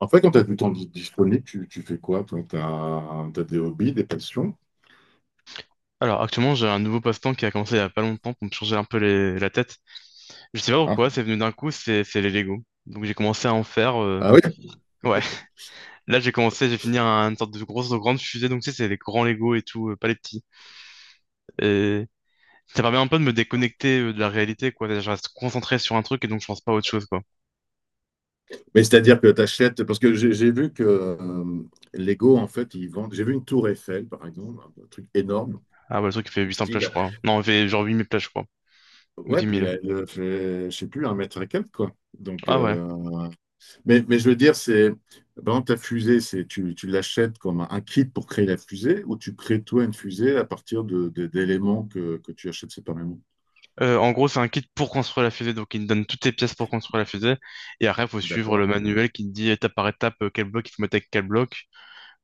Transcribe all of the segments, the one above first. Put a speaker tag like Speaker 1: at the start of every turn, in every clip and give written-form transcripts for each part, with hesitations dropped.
Speaker 1: En fait, quand tu as du temps disponible, tu fais quoi? Toi, t'as des hobbies, des passions?
Speaker 2: Alors actuellement j'ai un nouveau passe-temps qui a commencé il y a pas longtemps pour me changer un peu la tête. Je sais pas
Speaker 1: Ah,
Speaker 2: pourquoi, c'est venu d'un coup, c'est les Lego. Donc j'ai commencé à en faire.
Speaker 1: ah oui,
Speaker 2: Ouais, là j'ai commencé, j'ai fini une sorte de grande fusée. Donc tu sais, c'est des grands Lego et tout, pas les petits. Et ça permet un peu de me déconnecter de la réalité, quoi. C'est-à-dire, je reste concentré sur un truc et donc je pense pas à autre chose, quoi.
Speaker 1: mais c'est-à-dire que tu achètes, parce que j'ai vu que Lego, en fait, ils vendent, j'ai vu une tour Eiffel, par exemple, un truc énorme,
Speaker 2: Ah bah le truc il fait 800 plages,
Speaker 1: style,
Speaker 2: je crois. Non, il fait genre 8000 plages, je crois. Ou
Speaker 1: ouais,
Speaker 2: 10
Speaker 1: puis
Speaker 2: 000.
Speaker 1: elle fait, je sais plus, un mètre et quelques, quoi. Donc,
Speaker 2: Ah ouais.
Speaker 1: mais je veux dire, c'est, par exemple, ta fusée, c'est, tu l'achètes comme un kit pour créer la fusée, ou tu crées toi une fusée à partir d'éléments que tu achètes séparément,
Speaker 2: En gros, c'est un kit pour construire la fusée, donc il te donne toutes tes pièces pour construire la fusée. Et après, il faut suivre le
Speaker 1: d'accord?
Speaker 2: manuel qui te dit étape par étape quel bloc il faut mettre avec quel bloc,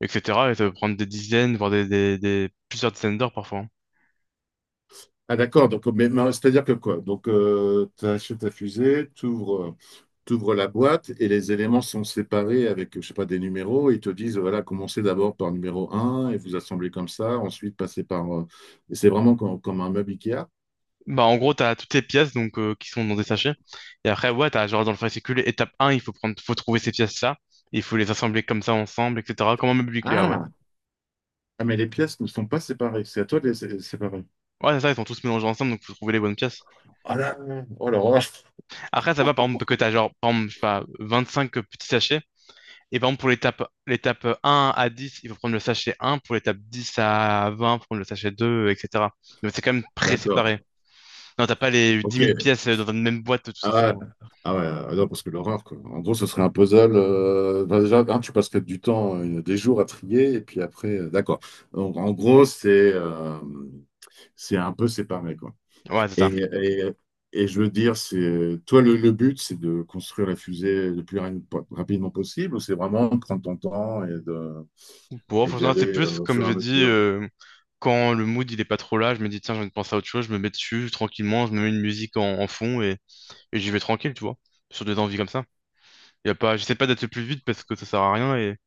Speaker 2: etc. Et ça peut prendre des dizaines, voire plusieurs dizaines d'heures parfois, hein.
Speaker 1: Ah d'accord, donc mais c'est-à-dire que quoi? Donc tu achètes ta fusée, tu ouvres, la boîte et les éléments sont séparés avec, je sais pas, des numéros. Et ils te disent, voilà, commencez d'abord par numéro un et vous assemblez comme ça, ensuite passez par... et c'est vraiment comme un meuble IKEA.
Speaker 2: Bah, en gros, t'as toutes tes pièces donc, qui sont dans des sachets. Et après, ouais, t'as genre dans le fascicule, étape 1, il faut prendre, faut trouver ces pièces-là. Il faut les assembler comme ça ensemble, etc. Comme un meuble Ikea, ouais.
Speaker 1: Ah, ah, mais les pièces ne sont pas séparées, c'est à toi de les séparer.
Speaker 2: Ouais, c'est ça, ils sont tous mélangés ensemble, donc faut trouver les bonnes pièces.
Speaker 1: Ah là, oh là là.
Speaker 2: Après, ça va, par exemple, que t'as genre, par exemple, je sais pas, 25 petits sachets. Et par exemple, pour l'étape 1 à 10, il faut prendre le sachet 1. Pour l'étape 10 à 20, il faut prendre le sachet 2, etc. Donc, c'est quand même
Speaker 1: D'accord,
Speaker 2: pré-séparé. Non, t'as pas les 10
Speaker 1: ok.
Speaker 2: 000 pièces dans une même boîte tous
Speaker 1: Ah
Speaker 2: ensemble.
Speaker 1: ouais, ah ouais, ah non, parce que l'horreur, quoi. En gros, ce serait un puzzle. Bah, déjà, hein, tu passerais du temps, des jours à trier, et puis après, d'accord. Donc, en gros, c'est un peu séparé, quoi.
Speaker 2: Ouais, c'est ça.
Speaker 1: Et, et, et je veux dire, c'est toi, le but, c'est de construire la fusée le plus rapidement possible, ou c'est vraiment de prendre ton temps et de,
Speaker 2: Bon,
Speaker 1: et d'y
Speaker 2: franchement, c'est
Speaker 1: aller
Speaker 2: plus,
Speaker 1: au
Speaker 2: comme
Speaker 1: fur et
Speaker 2: je
Speaker 1: à
Speaker 2: dis,
Speaker 1: mesure?
Speaker 2: quand le mood, il est pas trop là, je me dis, tiens, j'ai envie de penser à autre chose, je me mets dessus tranquillement, je me mets une musique en fond, et j'y vais tranquille, tu vois. Sur des envies comme ça. Y a pas, j'essaie pas d'être le plus vite parce que ça sert à rien. Et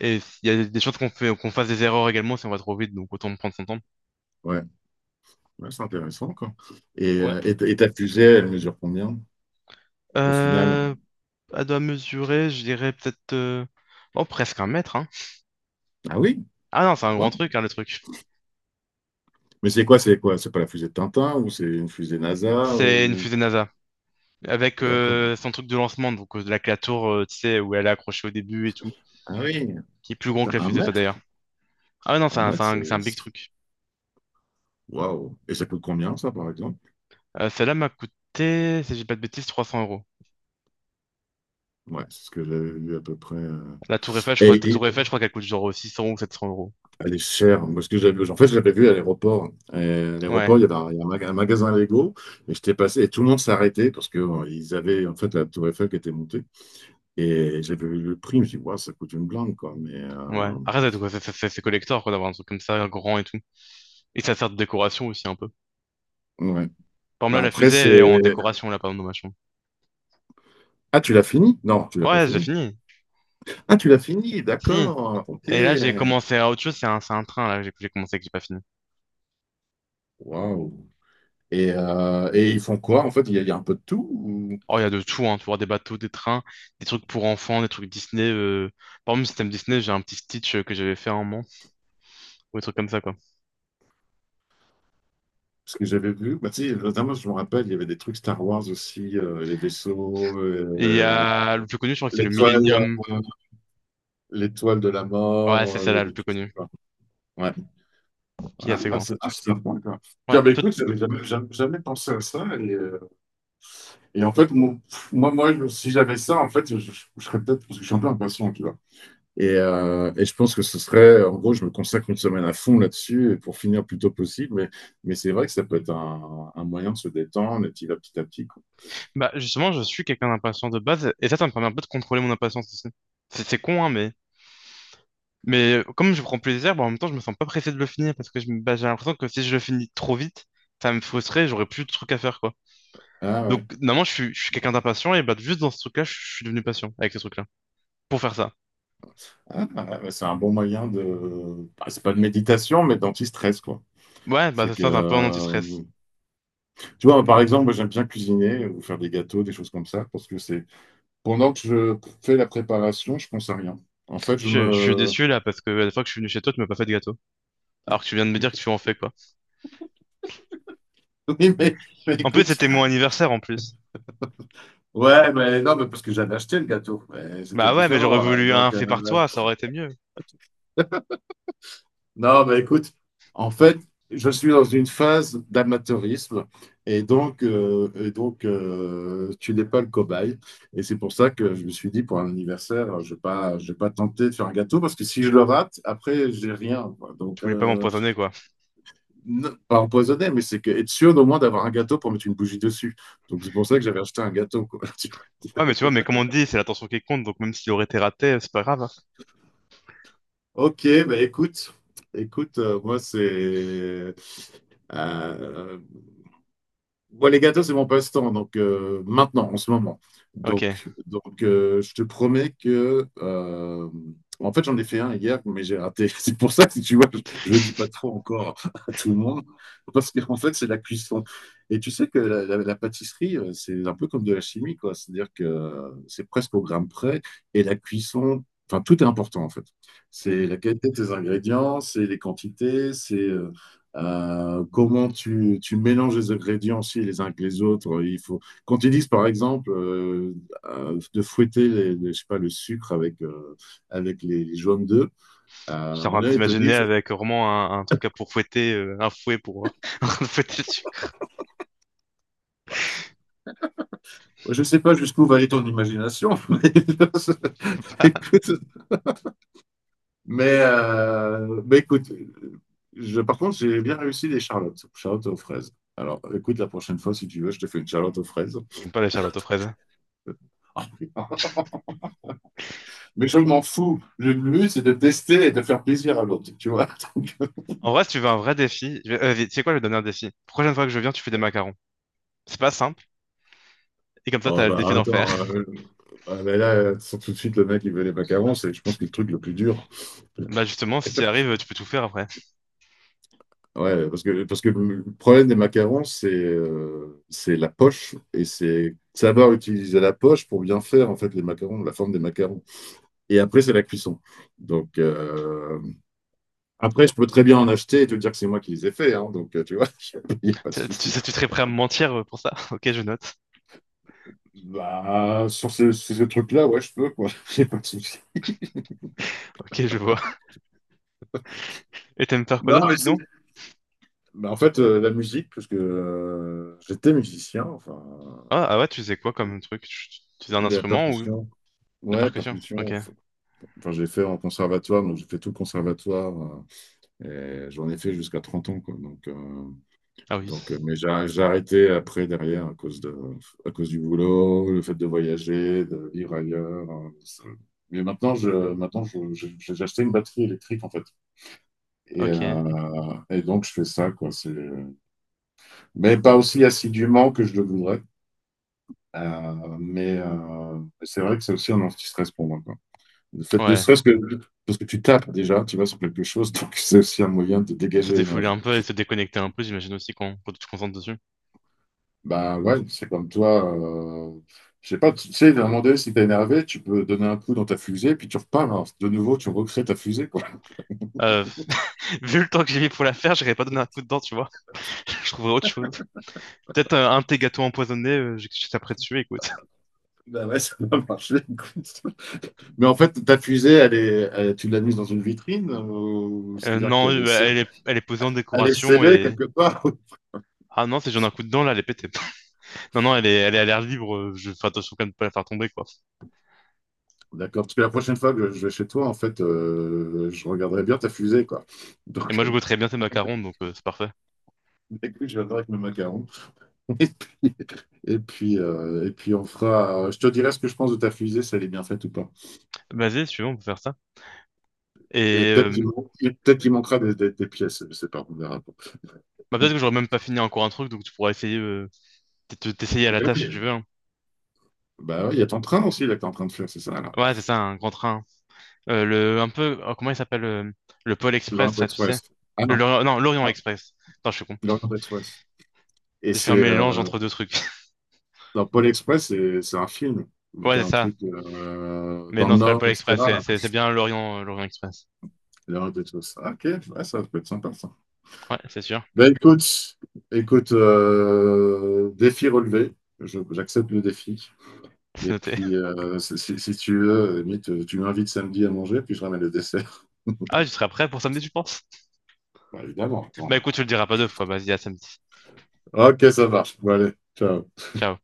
Speaker 2: il y a des chances qu'on fasse des erreurs également si on va trop vite, donc autant prendre son temps.
Speaker 1: Ouais, ouais, c'est intéressant, quoi. Et,
Speaker 2: Ouais.
Speaker 1: euh, et, ta fusée, elle mesure combien au final?
Speaker 2: Euh, à doigt mesurer, je dirais peut-être. Oh, presque 1 mètre, hein.
Speaker 1: Ah oui?
Speaker 2: Ah non, c'est un grand
Speaker 1: Ouais,
Speaker 2: truc, hein, le truc.
Speaker 1: mais c'est quoi, c'est quoi? C'est pas la fusée de Tintin ou c'est une fusée NASA
Speaker 2: C'est une
Speaker 1: ou...
Speaker 2: fusée NASA. Avec
Speaker 1: D'accord.
Speaker 2: son truc de lancement, donc avec la tour, tu sais, où elle est accrochée au début et tout.
Speaker 1: Ah oui,
Speaker 2: Qui est plus grand
Speaker 1: putain,
Speaker 2: que la
Speaker 1: un
Speaker 2: fusée, ça
Speaker 1: mètre?
Speaker 2: d'ailleurs. Ah non,
Speaker 1: Un mètre,
Speaker 2: c'est un big truc.
Speaker 1: waouh. Et ça coûte combien, ça, par exemple?
Speaker 2: Celle-là m'a coûté, si j'ai pas de bêtises, 300 euros.
Speaker 1: Ouais, c'est ce que j'avais vu à peu près.
Speaker 2: La tour Eiffel, je crois, la
Speaker 1: Et
Speaker 2: tour Eiffel, je crois qu'elle coûte genre 600 ou 700 euros.
Speaker 1: elle est chère. Parce que j'avais, en fait, je l'avais vu à l'aéroport. Et à
Speaker 2: Ouais,
Speaker 1: l'aéroport, il y avait un, il y a un maga- un magasin Lego. Et j'étais passé et tout le monde s'arrêtait parce que ils avaient, en fait, la tour Eiffel qui était montée. Et j'avais vu le prix. Je me suis dit, waouh, ça coûte une blinde, quoi. Mais,
Speaker 2: ouais. Après, c'est collector, quoi, d'avoir un truc comme ça, grand et tout. Et ça sert de décoration aussi un peu.
Speaker 1: ouais.
Speaker 2: Par
Speaker 1: Bah,
Speaker 2: exemple, là, la
Speaker 1: après,
Speaker 2: fusée, elle
Speaker 1: c'est...
Speaker 2: est en décoration, là, par exemple, dans ma chambre.
Speaker 1: Ah, tu l'as fini? Non, tu l'as pas
Speaker 2: Ouais, j'ai
Speaker 1: fini.
Speaker 2: fini.
Speaker 1: Ah, tu l'as fini,
Speaker 2: Si.
Speaker 1: d'accord, ok.
Speaker 2: Et là, j'ai commencé à autre chose, c'est un train, là, que j'ai commencé que j'ai pas fini.
Speaker 1: Waouh. Et ils font quoi? En fait, il y a un peu de tout.
Speaker 2: Oh, il y a de tout, hein, tu vois, des bateaux, des trains, des trucs pour enfants, des trucs Disney. Par exemple, système Disney, j'ai un petit Stitch que j'avais fait à un moment, ou des trucs comme ça, quoi.
Speaker 1: Parce que j'avais vu, bah, tu sais, notamment, je me rappelle, il y avait des trucs Star Wars aussi, les vaisseaux,
Speaker 2: Et il y a le plus connu, je crois que c'est le
Speaker 1: l'étoile,
Speaker 2: Millennium.
Speaker 1: euh, l'étoile de la
Speaker 2: Ouais,
Speaker 1: mort,
Speaker 2: c'est
Speaker 1: il y
Speaker 2: celle-là, le
Speaker 1: avait
Speaker 2: plus
Speaker 1: tout ça,
Speaker 2: connu,
Speaker 1: quoi. Ouais.
Speaker 2: qui est assez
Speaker 1: Ah,
Speaker 2: grand.
Speaker 1: c'est sympa, quoi.
Speaker 2: Ouais,
Speaker 1: Tiens, bah, écoute, j'avais jamais pensé à ça. Et en fait, si j'avais ça, en fait, je serais peut-être, parce que je suis un peu impatient, tu vois. Et, je pense que ce serait, en gros, je me consacre une semaine à fond là-dessus pour finir le plus tôt possible. Mais c'est vrai que ça peut être un moyen de se détendre et petit à petit. Quoi.
Speaker 2: bah, justement, je suis quelqu'un d'impatient de base, et ça me permet un peu de contrôler mon impatience aussi. C'est con, hein, mais comme je prends plaisir, bah, en même temps, je me sens pas pressé de le finir parce que bah, j'ai l'impression que si je le finis trop vite, ça me frustrerait, j'aurais plus de trucs à faire, quoi.
Speaker 1: Ah
Speaker 2: Donc,
Speaker 1: ouais,
Speaker 2: normalement, je suis quelqu'un d'impatient et bah, juste dans ce truc-là, je suis devenu patient avec ce truc-là pour faire ça.
Speaker 1: ah, ah, bah, c'est un bon moyen de. Bah, c'est pas de méditation, mais d'anti-stress, quoi.
Speaker 2: Ouais, bah,
Speaker 1: C'est
Speaker 2: c'est
Speaker 1: que,
Speaker 2: ça, c'est un peu un anti-stress.
Speaker 1: tu vois, par exemple, moi, j'aime bien cuisiner ou faire des gâteaux, des choses comme ça, parce que c'est. Pendant que je fais la préparation, je pense à rien. En fait, je
Speaker 2: Je suis
Speaker 1: me.
Speaker 2: déçu là parce que la fois que je suis venu chez toi, tu m'as pas fait de gâteau. Alors que tu viens de me dire que tu en fais, quoi.
Speaker 1: Oui, mais
Speaker 2: En plus,
Speaker 1: écoute,
Speaker 2: c'était mon anniversaire en plus.
Speaker 1: ouais, mais non, mais parce que j'avais acheté le gâteau. Mais c'était
Speaker 2: Bah ouais, mais j'aurais
Speaker 1: différent, là.
Speaker 2: voulu un
Speaker 1: Donc,
Speaker 2: fait par toi, ça aurait été mieux.
Speaker 1: non, mais écoute, en fait, je suis dans une phase d'amateurisme. Et donc, tu n'es pas le cobaye. Et c'est pour ça que je me suis dit, pour un anniversaire, je vais pas tenter de faire un gâteau, parce que si je le rate, après, j'ai rien, quoi.
Speaker 2: Tu
Speaker 1: Donc,
Speaker 2: voulais pas m'empoisonner, quoi.
Speaker 1: non, pas empoisonné, mais c'est que être sûr au moins d'avoir un gâteau pour mettre une bougie dessus. Donc, c'est pour ça que j'avais acheté un gâteau, quoi.
Speaker 2: Ouais, mais tu vois, mais comme on dit, c'est l'attention qui compte, donc même s'il aurait été raté, c'est pas grave, hein.
Speaker 1: Ok, bah écoute, euh, moi, les gâteaux, c'est mon passe-temps, donc maintenant, en ce moment.
Speaker 2: Ok.
Speaker 1: Donc, je te promets que. En fait, j'en ai fait un hier, mais j'ai raté. C'est pour ça que si tu vois, je ne dis pas trop encore à tout le monde, parce qu'en fait, c'est la cuisson. Et tu sais que la pâtisserie, c'est un peu comme de la chimie, quoi. C'est-à-dire que c'est presque au gramme près, et la cuisson, enfin, tout est important, en fait. C'est
Speaker 2: Oui.
Speaker 1: la qualité de tes ingrédients, c'est les quantités, c'est. Comment tu mélanges les ingrédients aussi les uns que les autres. Il faut, quand ils disent, par exemple, de fouetter je sais pas, le sucre avec les jaunes d'œufs,
Speaker 2: Genre, à
Speaker 1: ils te
Speaker 2: t'imaginer
Speaker 1: disent,
Speaker 2: avec vraiment un truc à pour fouetter, un fouet pour fouetter le sucre.
Speaker 1: je ne sais pas jusqu'où va aller ton imagination. Mais Écoute, mais écoute, je, par contre, j'ai bien réussi les charlottes aux fraises. Alors, écoute, la prochaine fois, si tu veux, je te fais une charlotte aux fraises.
Speaker 2: J'aime pas les charlottes aux fraises.
Speaker 1: Mais je m'en fous. Le but, c'est de tester et de faire plaisir à l'autre, tu vois. Donc,
Speaker 2: En vrai, si tu veux un vrai défi, tu sais quoi, je vais te donner un défi. Prochaine fois que je viens, tu fais des macarons. C'est pas simple, et comme ça,
Speaker 1: oh,
Speaker 2: t'as le défi
Speaker 1: bah,
Speaker 2: d'en faire.
Speaker 1: attends, ah, bah, là, sans tout de suite, le mec, il veut les macarons, c'est, je pense, que le truc le plus dur.
Speaker 2: Bah justement, si tu y arrives, tu peux tout faire après.
Speaker 1: Ouais, parce que, le problème des macarons, c'est la poche et c'est savoir utiliser la poche pour bien faire, en fait, les macarons, la forme des macarons. Et après, c'est la cuisson. Donc, après, je peux très bien en acheter et te dire que c'est moi qui les ai faits, hein, donc, tu vois, il n'y a pas de
Speaker 2: Tu
Speaker 1: souci.
Speaker 2: sais, tu serais prêt à me mentir pour ça? Ok, je note.
Speaker 1: Bah, sur ce truc-là, ouais, je peux, quoi. J'ai pas de souci.
Speaker 2: Ok, je vois. Et t'aimes faire quoi
Speaker 1: Non,
Speaker 2: d'autre
Speaker 1: mais c'est.
Speaker 2: sinon?
Speaker 1: Bah, en fait, la musique, parce que j'étais musicien, enfin,
Speaker 2: Ah ouais, tu sais quoi comme truc? Tu fais un
Speaker 1: la
Speaker 2: instrument ou
Speaker 1: percussion.
Speaker 2: la
Speaker 1: Ouais,
Speaker 2: percussion?
Speaker 1: percussion.
Speaker 2: Ok.
Speaker 1: Enfin, j'ai fait en conservatoire, donc j'ai fait tout le conservatoire. Et j'en ai fait jusqu'à 30 ans, quoi. Donc, euh,
Speaker 2: Ah
Speaker 1: donc
Speaker 2: oui.
Speaker 1: euh, mais j'ai arrêté après, derrière, à cause de, à cause du boulot, le fait de voyager, de vivre ailleurs. Mais maintenant, j'ai acheté une batterie électrique, en fait. Et,
Speaker 2: Ok.
Speaker 1: euh, et donc, je fais ça, quoi. C'est- Mais pas aussi assidûment que je le voudrais. Mais, c'est vrai que c'est aussi un anti-stress pour moi, quoi. Le fait de
Speaker 2: Ouais.
Speaker 1: stress que, parce que tu tapes déjà, tu vas sur quelque chose, donc c'est aussi un moyen de
Speaker 2: Se
Speaker 1: dégager
Speaker 2: défouler
Speaker 1: l'énergie.
Speaker 2: un peu et se déconnecter un peu, j'imagine aussi qu'on quand tu te concentres dessus.
Speaker 1: Bah ouais, c'est comme toi. Je sais pas, tu sais, à un moment donné, si t'es énervé, tu peux donner un coup dans ta fusée, puis tu repars, hein. De nouveau, tu recrées ta fusée, quoi.
Speaker 2: Euh, Vu le temps que j'ai mis pour la faire, j'aurais pas donné un coup de dent, tu vois. Je trouverais autre chose. Peut-être un de tes gâteaux empoisonnés, j'étais après dessus, écoute.
Speaker 1: Bah ouais, ça va marcher, écoute. Mais en fait, ta fusée, elle est, tu l'as mise dans une vitrine, c'est-à-dire
Speaker 2: Non,
Speaker 1: qu'elle est
Speaker 2: bah, elle est posée en décoration
Speaker 1: laissez-les
Speaker 2: et.
Speaker 1: quelque part.
Speaker 2: Ah non, si j'en ai un coup de dent, là, elle est pétée. Non, non, elle est à l'air libre, je fais attention quand même de pas la faire tomber, quoi.
Speaker 1: D'accord, parce que la prochaine fois que je vais chez toi, en fait, je regarderai bien ta fusée, quoi.
Speaker 2: Et
Speaker 1: Donc,
Speaker 2: moi, je goûterais bien tes macarons, donc c'est parfait.
Speaker 1: écoute, je viendrai avec mes macarons. Et puis on fera. Je te dirai ce que je pense de ta fusée, si elle est bien faite ou pas.
Speaker 2: Vas-y, si tu veux, on peut faire ça.
Speaker 1: Et
Speaker 2: Et
Speaker 1: peut-être il manquera des pièces, je sais pas, on verra.
Speaker 2: bah, peut-être que j'aurais même pas fini encore un truc, donc tu pourras essayer, peut-être t'essayer à la
Speaker 1: Mais
Speaker 2: tâche
Speaker 1: oui,
Speaker 2: si tu veux, hein.
Speaker 1: bah oui, il y a ton train aussi, là, que t'es en train de faire, c'est ça, là.
Speaker 2: Ouais, c'est ça, un grand train. Un peu, oh, comment il s'appelle Pôle Express,
Speaker 1: L'Orient
Speaker 2: ça, tu sais?
Speaker 1: Express. Ah
Speaker 2: Le
Speaker 1: non,
Speaker 2: Lorient- non, l'Orient
Speaker 1: ah,
Speaker 2: Express. Attends, je suis con.
Speaker 1: l'Orient Express. Et
Speaker 2: J'ai fait un
Speaker 1: c'est.
Speaker 2: mélange entre deux trucs.
Speaker 1: Dans Paul Express, c'est un film où
Speaker 2: Ouais,
Speaker 1: t'as
Speaker 2: c'est
Speaker 1: un
Speaker 2: ça.
Speaker 1: truc
Speaker 2: Mais
Speaker 1: dans le
Speaker 2: non, c'est pas le
Speaker 1: Nord,
Speaker 2: Pôle Express,
Speaker 1: etc.
Speaker 2: c'est bien l'Orient, l'Orient Express.
Speaker 1: L'heure de tous. Ah, ok, ouais, ça peut être sympa ça.
Speaker 2: Ouais, c'est sûr.
Speaker 1: Ben écoute, défi relevé. J'accepte le défi.
Speaker 2: C'est
Speaker 1: Et
Speaker 2: noté.
Speaker 1: puis, si tu veux, limite, tu m'invites samedi à manger, puis je ramène le dessert.
Speaker 2: Ah, tu seras prêt pour samedi, tu penses?
Speaker 1: Bah, évidemment, attends.
Speaker 2: Bah écoute, tu le diras pas deux fois. Vas-y, à samedi.
Speaker 1: Ok, ça marche. Bon, allez, ciao.
Speaker 2: Ciao.